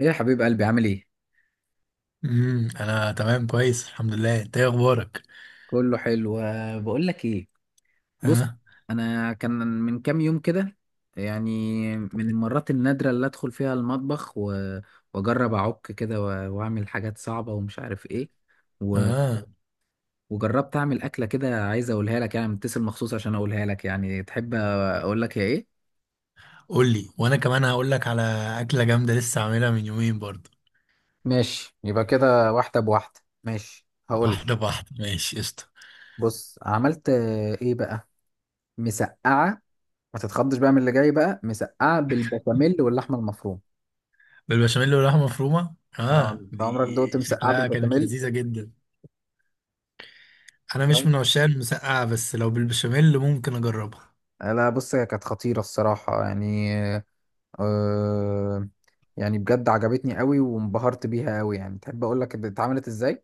ايه يا حبيب قلبي، عامل ايه؟ انا تمام كويس، الحمد لله. انت ايه اخبارك؟ كله حلو. بقول لك ايه. بص، اه. انا كان من كام يوم كده، يعني من المرات النادرة اللي ادخل فيها المطبخ واجرب اعك كده واعمل حاجات صعبة ومش عارف ايه و- اه، وجربت اعمل اكلة كده. عايز اقولها لك، يعني متصل مخصوص عشان اقولها لك، يعني تحب اقول لك هي ايه؟ قول لي وانا كمان هقول لك على اكله جامده لسه عاملها من يومين برضه. ماشي، يبقى كده واحدة بواحدة، ماشي هقول. واحده بواحده، ماشي قشطه. بص، عملت، ايه بقى؟ مسقعة. ما تتخضش بقى من اللي جاي، بقى مسقعه بالبشاميل واللحمه المفرومه. بالبشاميل واللحمه مفرومه، اه، اه انت دي عمرك دقت مسقعه شكلها كانت بالبشاميل؟ لذيذه جدا. انا مش طيب. من عشاق المسقعه بس لو بالبشاميل ممكن اجربها. لا بص، هي كانت خطيره الصراحه يعني. آه يعني بجد عجبتني قوي وانبهرت بيها قوي. يعني تحب اقول لك اتعملت ازاي؟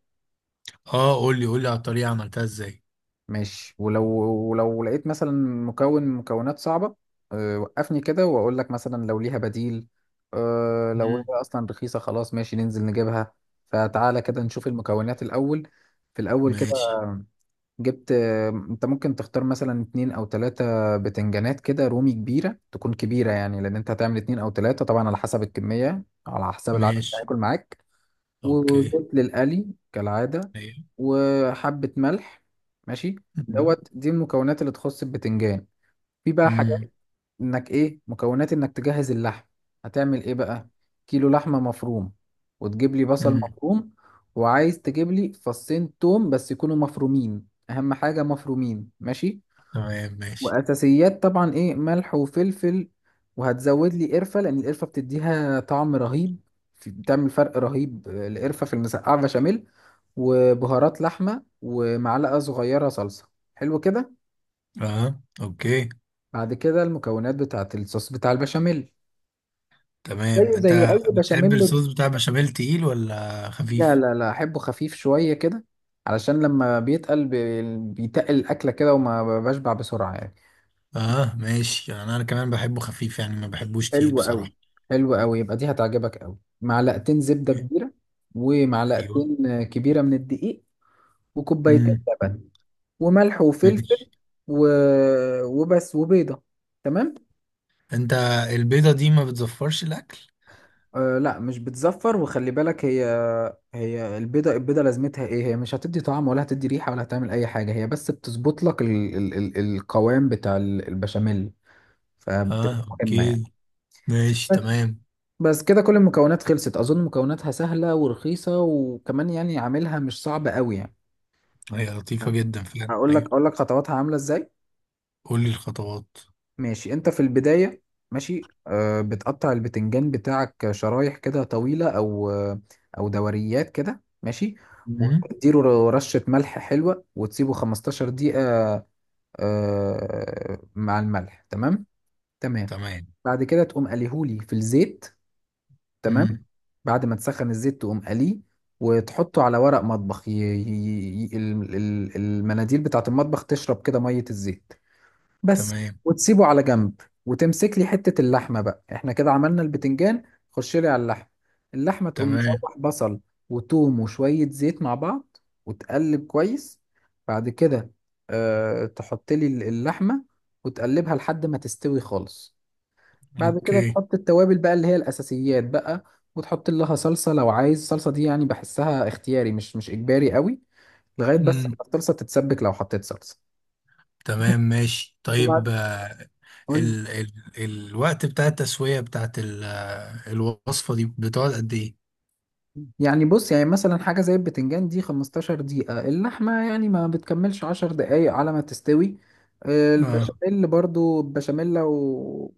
اه قول لي، قول لي على الطريقه عملتها ازاي. ماشي. ولو، ولو لقيت مثلا مكون من مكونات صعبه، وقفني كده واقول لك مثلا لو ليها بديل. لو مم. هي اصلا رخيصه، خلاص ماشي ننزل نجيبها. فتعالى كده نشوف المكونات الاول. في الاول كده ماشي. جبت، انت ممكن تختار مثلا اتنين او تلاتة بتنجانات كده رومي كبيرة، تكون كبيرة يعني، لان انت هتعمل اتنين او تلاتة، طبعا على حسب الكمية، على حسب العدد اللي ماشي. هياكل معاك. اوكي. وزيت للقلي كالعادة، ايوه. وحبة ملح، ماشي. دوت دي المكونات اللي تخص البتنجان. في بقى امم حاجات، انك ايه، مكونات انك تجهز اللحم. هتعمل ايه بقى؟ كيلو لحمة مفروم، وتجيب لي بصل امم مفروم، وعايز تجيب لي فصين توم بس يكونوا مفرومين، اهم حاجة مفرومين، ماشي. تمام ماشي. واساسيات طبعا ايه، ملح وفلفل. وهتزود لي قرفة لان القرفة بتديها طعم رهيب. بتعمل فرق رهيب، القرفة في المسقعة بشاميل. وبهارات لحمة، ومعلقة صغيرة صلصة. حلو كده. اه اوكي. بعد كده المكونات بتاعت الصوص بتاع البشاميل. تمام، زيه زي انت اي بتحب بشاميل. الصوص بتاع بشاميل تقيل ولا لا خفيف؟ لا لا، احبه خفيف شويه كده، علشان لما بيتقل بيتقل الاكله كده وما بشبع بسرعه يعني. اه ماشي، يعني انا كمان بحبه خفيف، يعني ما بحبوش تقيل حلو قوي، بصراحة. حلو قوي، يبقى دي هتعجبك قوي. معلقتين زبده كبيره، ايوه. ومعلقتين كبيره من الدقيق. وكوبايتين امم لبن. وملح وفلفل. ماشي. و... وبس. وبيضه. تمام. انت البيضة دي ما بتزفرش الاكل؟ أه لا، مش بتزفر. وخلي بالك، هي، هي البيضة، البيضة لازمتها ايه؟ هي مش هتدي طعم ولا هتدي ريحة ولا هتعمل اي حاجة، هي بس بتظبط لك القوام بتاع البشاميل. فبتبقى اه مهمة يعني. اوكي. ماشي بس تمام. بس كده كل المكونات خلصت. اظن مكوناتها سهلة ورخيصة، وكمان يعني عاملها مش صعب قوي يعني. هي لطيفة جدا فعلا، هقول لك ايوه. اقول لك خطواتها عاملة ازاي. قول لي الخطوات. ماشي، انت في البداية، ماشي، بتقطع البتنجان بتاعك شرايح كده طويلة، او دوريات كده، ماشي. امم وتديله رشة ملح حلوة وتسيبه 15 دقيقة. آه مع الملح، تمام، تمام. تمام. بعد كده تقوم قليهولي في الزيت، تمام. امم بعد ما تسخن الزيت تقوم قليه، وتحطه على ورق مطبخ، المناديل بتاعة المطبخ تشرب كده مية الزيت، بس. تمام. وتسيبه على جنب، وتمسك لي حتة اللحمة بقى. احنا كده عملنا البتنجان، خش لي على اللحمة. اللحمة تقوم تمام. مشوح بصل وتوم وشوية زيت مع بعض، وتقلب كويس. بعد كده تحط لي اللحمة وتقلبها لحد ما تستوي خالص. بعد كده اوكي. تحط التوابل بقى، اللي هي الأساسيات بقى. وتحط لها صلصة لو عايز، الصلصة دي يعني بحسها اختياري، مش إجباري قوي، لغاية بس ما الصلصة تتسبك، لو حطيت صلصة. تمام ماشي طيب. وبعد، قول. ال ال الوقت بتاع التسوية بتاعت الوصفة دي بتقعد قد ايه؟ يعني بص، يعني مثلا حاجة زي البتنجان دي 15 دقيقة. اللحمة يعني ما بتكملش 10 دقايق على ما تستوي. اه. البشاميل برضو، البشاميل لو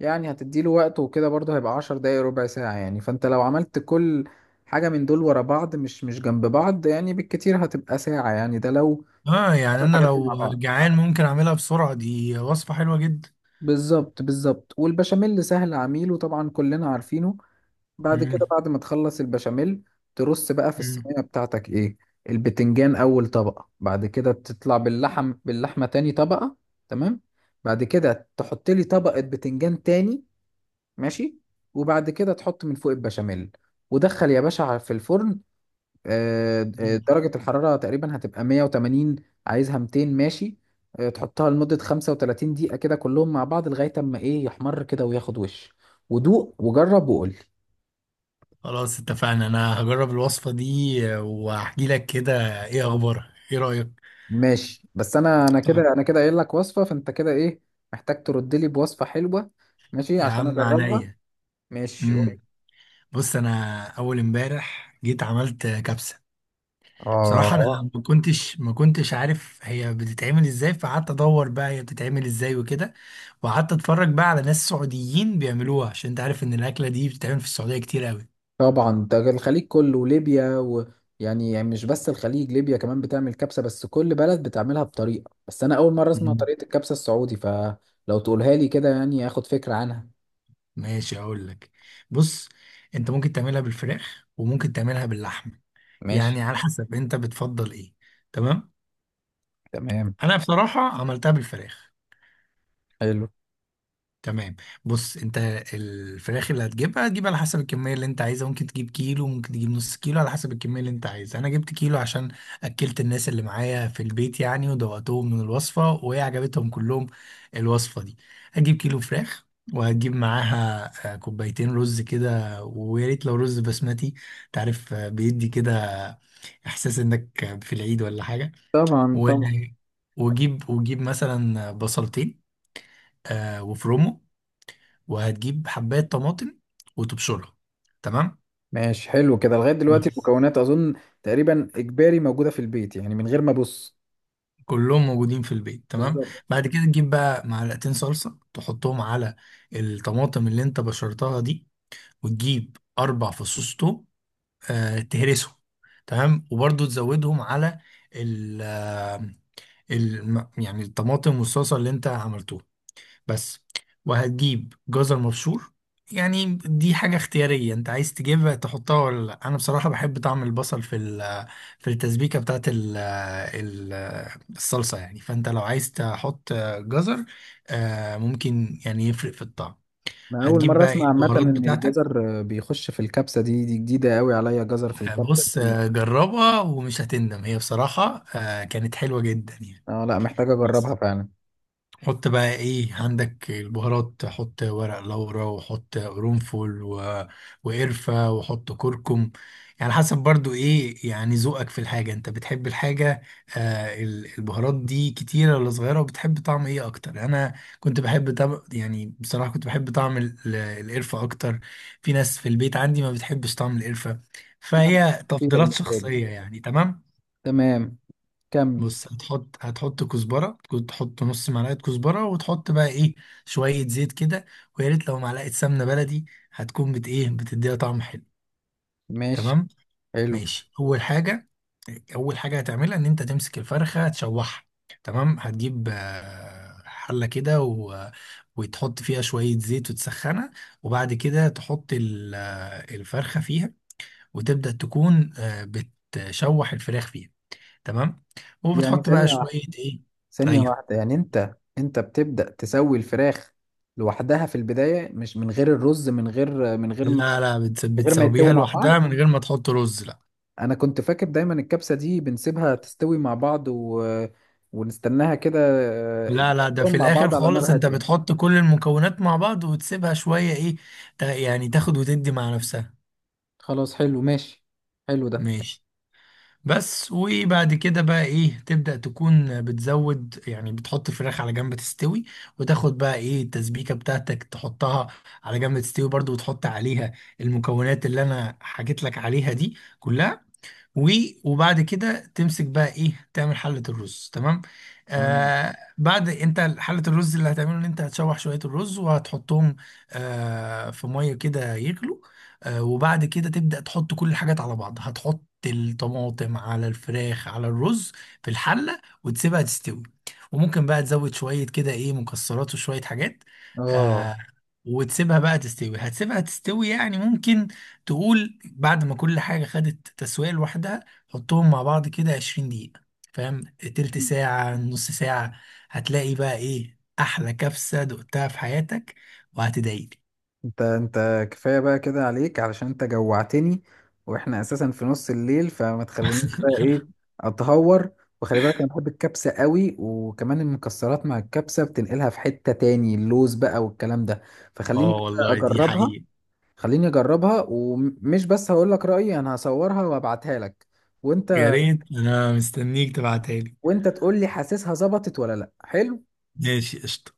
يعني هتديله وقت وكده برضو هيبقى 10 دقايق، ربع ساعة يعني. فانت لو عملت كل حاجة من دول ورا بعض، مش جنب بعض يعني، بالكتير هتبقى ساعة يعني، ده لو اه يعني انا الحاجات دي مع لو بعض. جعان ممكن اعملها بسرعة، دي وصفة حلوة جدا. بالظبط، بالظبط. والبشاميل سهل عميل، وطبعا كلنا عارفينه. بعد كده، مم. بعد ما تخلص البشاميل، ترص بقى في مم. الصينية بتاعتك ايه، البتنجان اول طبقة. بعد كده تطلع باللحمة تاني طبقة، تمام. بعد كده تحط لي طبقة بتنجان تاني، ماشي. وبعد كده تحط من فوق البشاميل، ودخل يا باشا في الفرن. مم. درجة الحرارة تقريبا هتبقى 180، عايزها 200، ماشي. تحطها لمدة 35 دقيقة كده كلهم مع بعض، لغاية اما ايه يحمر كده وياخد وش. ودوق وجرب وقول. خلاص اتفقنا، انا هجرب الوصفة دي وهحكي لك كده ايه اخبارها، ايه رأيك؟ ماشي. بس انا كده، طيب. انا كده قايل لك وصفه، فانت كده ايه، محتاج ترد لي بوصفه حلوه، ماشي، يا عشان عم اجربها. عينيا. ماشي، قول. مم. بص، انا اول امبارح جيت عملت كبسة. بصراحة أنا اه ما كنتش عارف هي بتتعمل إزاي، فقعدت أدور بقى هي بتتعمل إزاي وكده. وقعدت أتفرج بقى على ناس سعوديين بيعملوها، عشان أنت عارف إن الأكلة دي بتتعمل في السعودية كتير أوي. طبعا، ده الخليج كله وليبيا، ويعني، مش بس الخليج، ليبيا كمان بتعمل كبسه، بس كل بلد بتعملها بطريقه. بس انا اول مره اسمع مم. طريقه الكبسه السعودي، فلو تقولها لي كده يعني اخد فكره عنها. ماشي أقول لك. بص، أنت ممكن تعملها بالفراخ وممكن تعملها باللحمة، ماشي. يعني على حسب أنت بتفضل إيه. تمام. تمام. أنا بصراحة عملتها بالفراخ. حلو. تمام. بص انت، الفراخ اللي هتجيبها هتجيب على حسب الكميه اللي انت عايزها، ممكن تجيب كيلو ممكن تجيب نص كيلو على حسب الكميه اللي انت عايزها. انا جبت كيلو عشان اكلت الناس اللي معايا في البيت، يعني ودوقتهم من الوصفه وهي عجبتهم كلهم الوصفه دي. هتجيب كيلو فراخ، وهتجيب معاها كوبايتين رز كده، ويا ريت لو رز بسمتي. تعرف بيدي كده احساس انك في العيد ولا حاجه. طبعا، و... طبعا. وجيب، وجيب مثلا بصلتين وفرومه. وهتجيب حباية طماطم وتبشرها، تمام؟ ماشي، حلو كده. لغايه دلوقتي بس. المكونات اظن تقريبا اجباري موجوده في البيت يعني، من غير ما ابص. كلهم موجودين في البيت تمام. بالظبط. بعد كده تجيب بقى معلقتين صلصة تحطهم على الطماطم اللي انت بشرتها دي، وتجيب اربع فصوص توم آه تهرسهم. تمام وبرضو تزودهم على ال آه، يعني الطماطم والصلصة اللي انت عملتوها. بس. وهتجيب جزر مبشور، يعني دي حاجة اختيارية انت عايز تجيبها تحطها ولا لا. انا بصراحة بحب طعم البصل في في التسبيكة بتاعت الصلصة، يعني فانت لو عايز تحط جزر ممكن يعني يفرق في الطعم. انا اول هتجيب مره بقى ايه اسمع عامه البهارات ان بتاعتك؟ الجزر بيخش في الكبسه دي، دي جديده قوي عليا، جزر في الكبسه بص دي. جربها ومش هتندم، هي بصراحة كانت حلوة جدا يعني. اه لا، محتاج اجربها فعلا. حط بقى ايه عندك البهارات، حط ورق لورا وحط قرنفل وقرفة وحط كركم. يعني حسب برضو ايه يعني ذوقك في الحاجة، انت بتحب الحاجة آه البهارات دي كتيرة ولا صغيرة، وبتحب طعم ايه اكتر. انا كنت بحب يعني بصراحة كنت بحب طعم القرفة اكتر. في ناس في البيت عندي ما بتحبش طعم القرفة، فهي خطيره تفضيلات بالنسبه لي. شخصية يعني. تمام. تمام، كمل. بص هتحط كزبرة، كنت تحط نص معلقة كزبرة، وتحط بقى ايه شوية زيت كده، ويا ريت لو معلقة سمنة بلدي هتكون بت ايه بتديها طعم حلو. ماشي، تمام. حلو. ماشي أول حاجة، أول حاجة هتعملها إن أنت تمسك الفرخة تشوحها. تمام، هتجيب حلة كده وتحط فيها شوية زيت وتسخنها، وبعد كده تحط الفرخة فيها، وتبدأ تكون بتشوح الفراخ فيها. تمام. يعني وبتحط بقى ثانيه واحده، شوية ايه. ثانيه ايوه. واحده، يعني انت بتبدا تسوي الفراخ لوحدها في البدايه، مش من غير الرز، من غير من غير ما لا لا، من غير ما يتسووا بتسويها مع بعض. لوحدها من غير ما تحط رز، لا. انا كنت فاكر دايما الكبسه دي بنسيبها تستوي مع بعض، ونستناها كده. لا لا، ده يتسووا في مع الاخر بعض على خالص نار انت هاديه. بتحط كل المكونات مع بعض وتسيبها شوية ايه يعني تاخد وتدي مع نفسها. خلاص حلو ماشي، حلو ده. ماشي. بس، وبعد كده بقى ايه تبدأ تكون بتزود، يعني بتحط الفراخ على جنب تستوي، وتاخد بقى ايه التسبيكة بتاعتك تحطها على جنب تستوي برضو، وتحط عليها المكونات اللي انا حكيت لك عليها دي كلها. و- وبعد كده تمسك بقى ايه تعمل حلة الرز. تمام. تمام. آه بعد انت حلة الرز اللي هتعمله ان انت هتشوح شوية الرز وهتحطهم آه في مية كده يغلوا، آه وبعد كده تبدأ تحط كل الحاجات على بعض، هتحط الطماطم على الفراخ على الرز في الحلة وتسيبها تستوي. وممكن بقى تزود شوية كده ايه مكسرات وشوية حاجات اه، آه. وتسيبها بقى تستوي، هتسيبها تستوي يعني ممكن تقول بعد ما كل حاجة خدت تسوية لوحدها حطهم مع بعض كده 20 دقيقة فاهم، تلت ساعة نص ساعة. هتلاقي بقى ايه أحلى كبسة دقتها في حياتك، وهتدعيلي. انت كفايه بقى كده عليك، علشان انت جوعتني. واحنا اساسا في نص الليل، فما تخلينيش بقى ايه، اتهور. وخلي بالك، انا بحب الكبسه قوي، وكمان المكسرات مع الكبسه بتنقلها في حته تاني، اللوز بقى والكلام ده. فخليني اه كده والله دي اجربها. حقيقة. خليني اجربها، ومش بس هقول لك رايي، انا هصورها وابعتها لك. يا وانت، ريت انا مستنيك تبعتها لي. وانت تقول لي حاسسها ظبطت ولا لا. حلو. ماشي قشطة.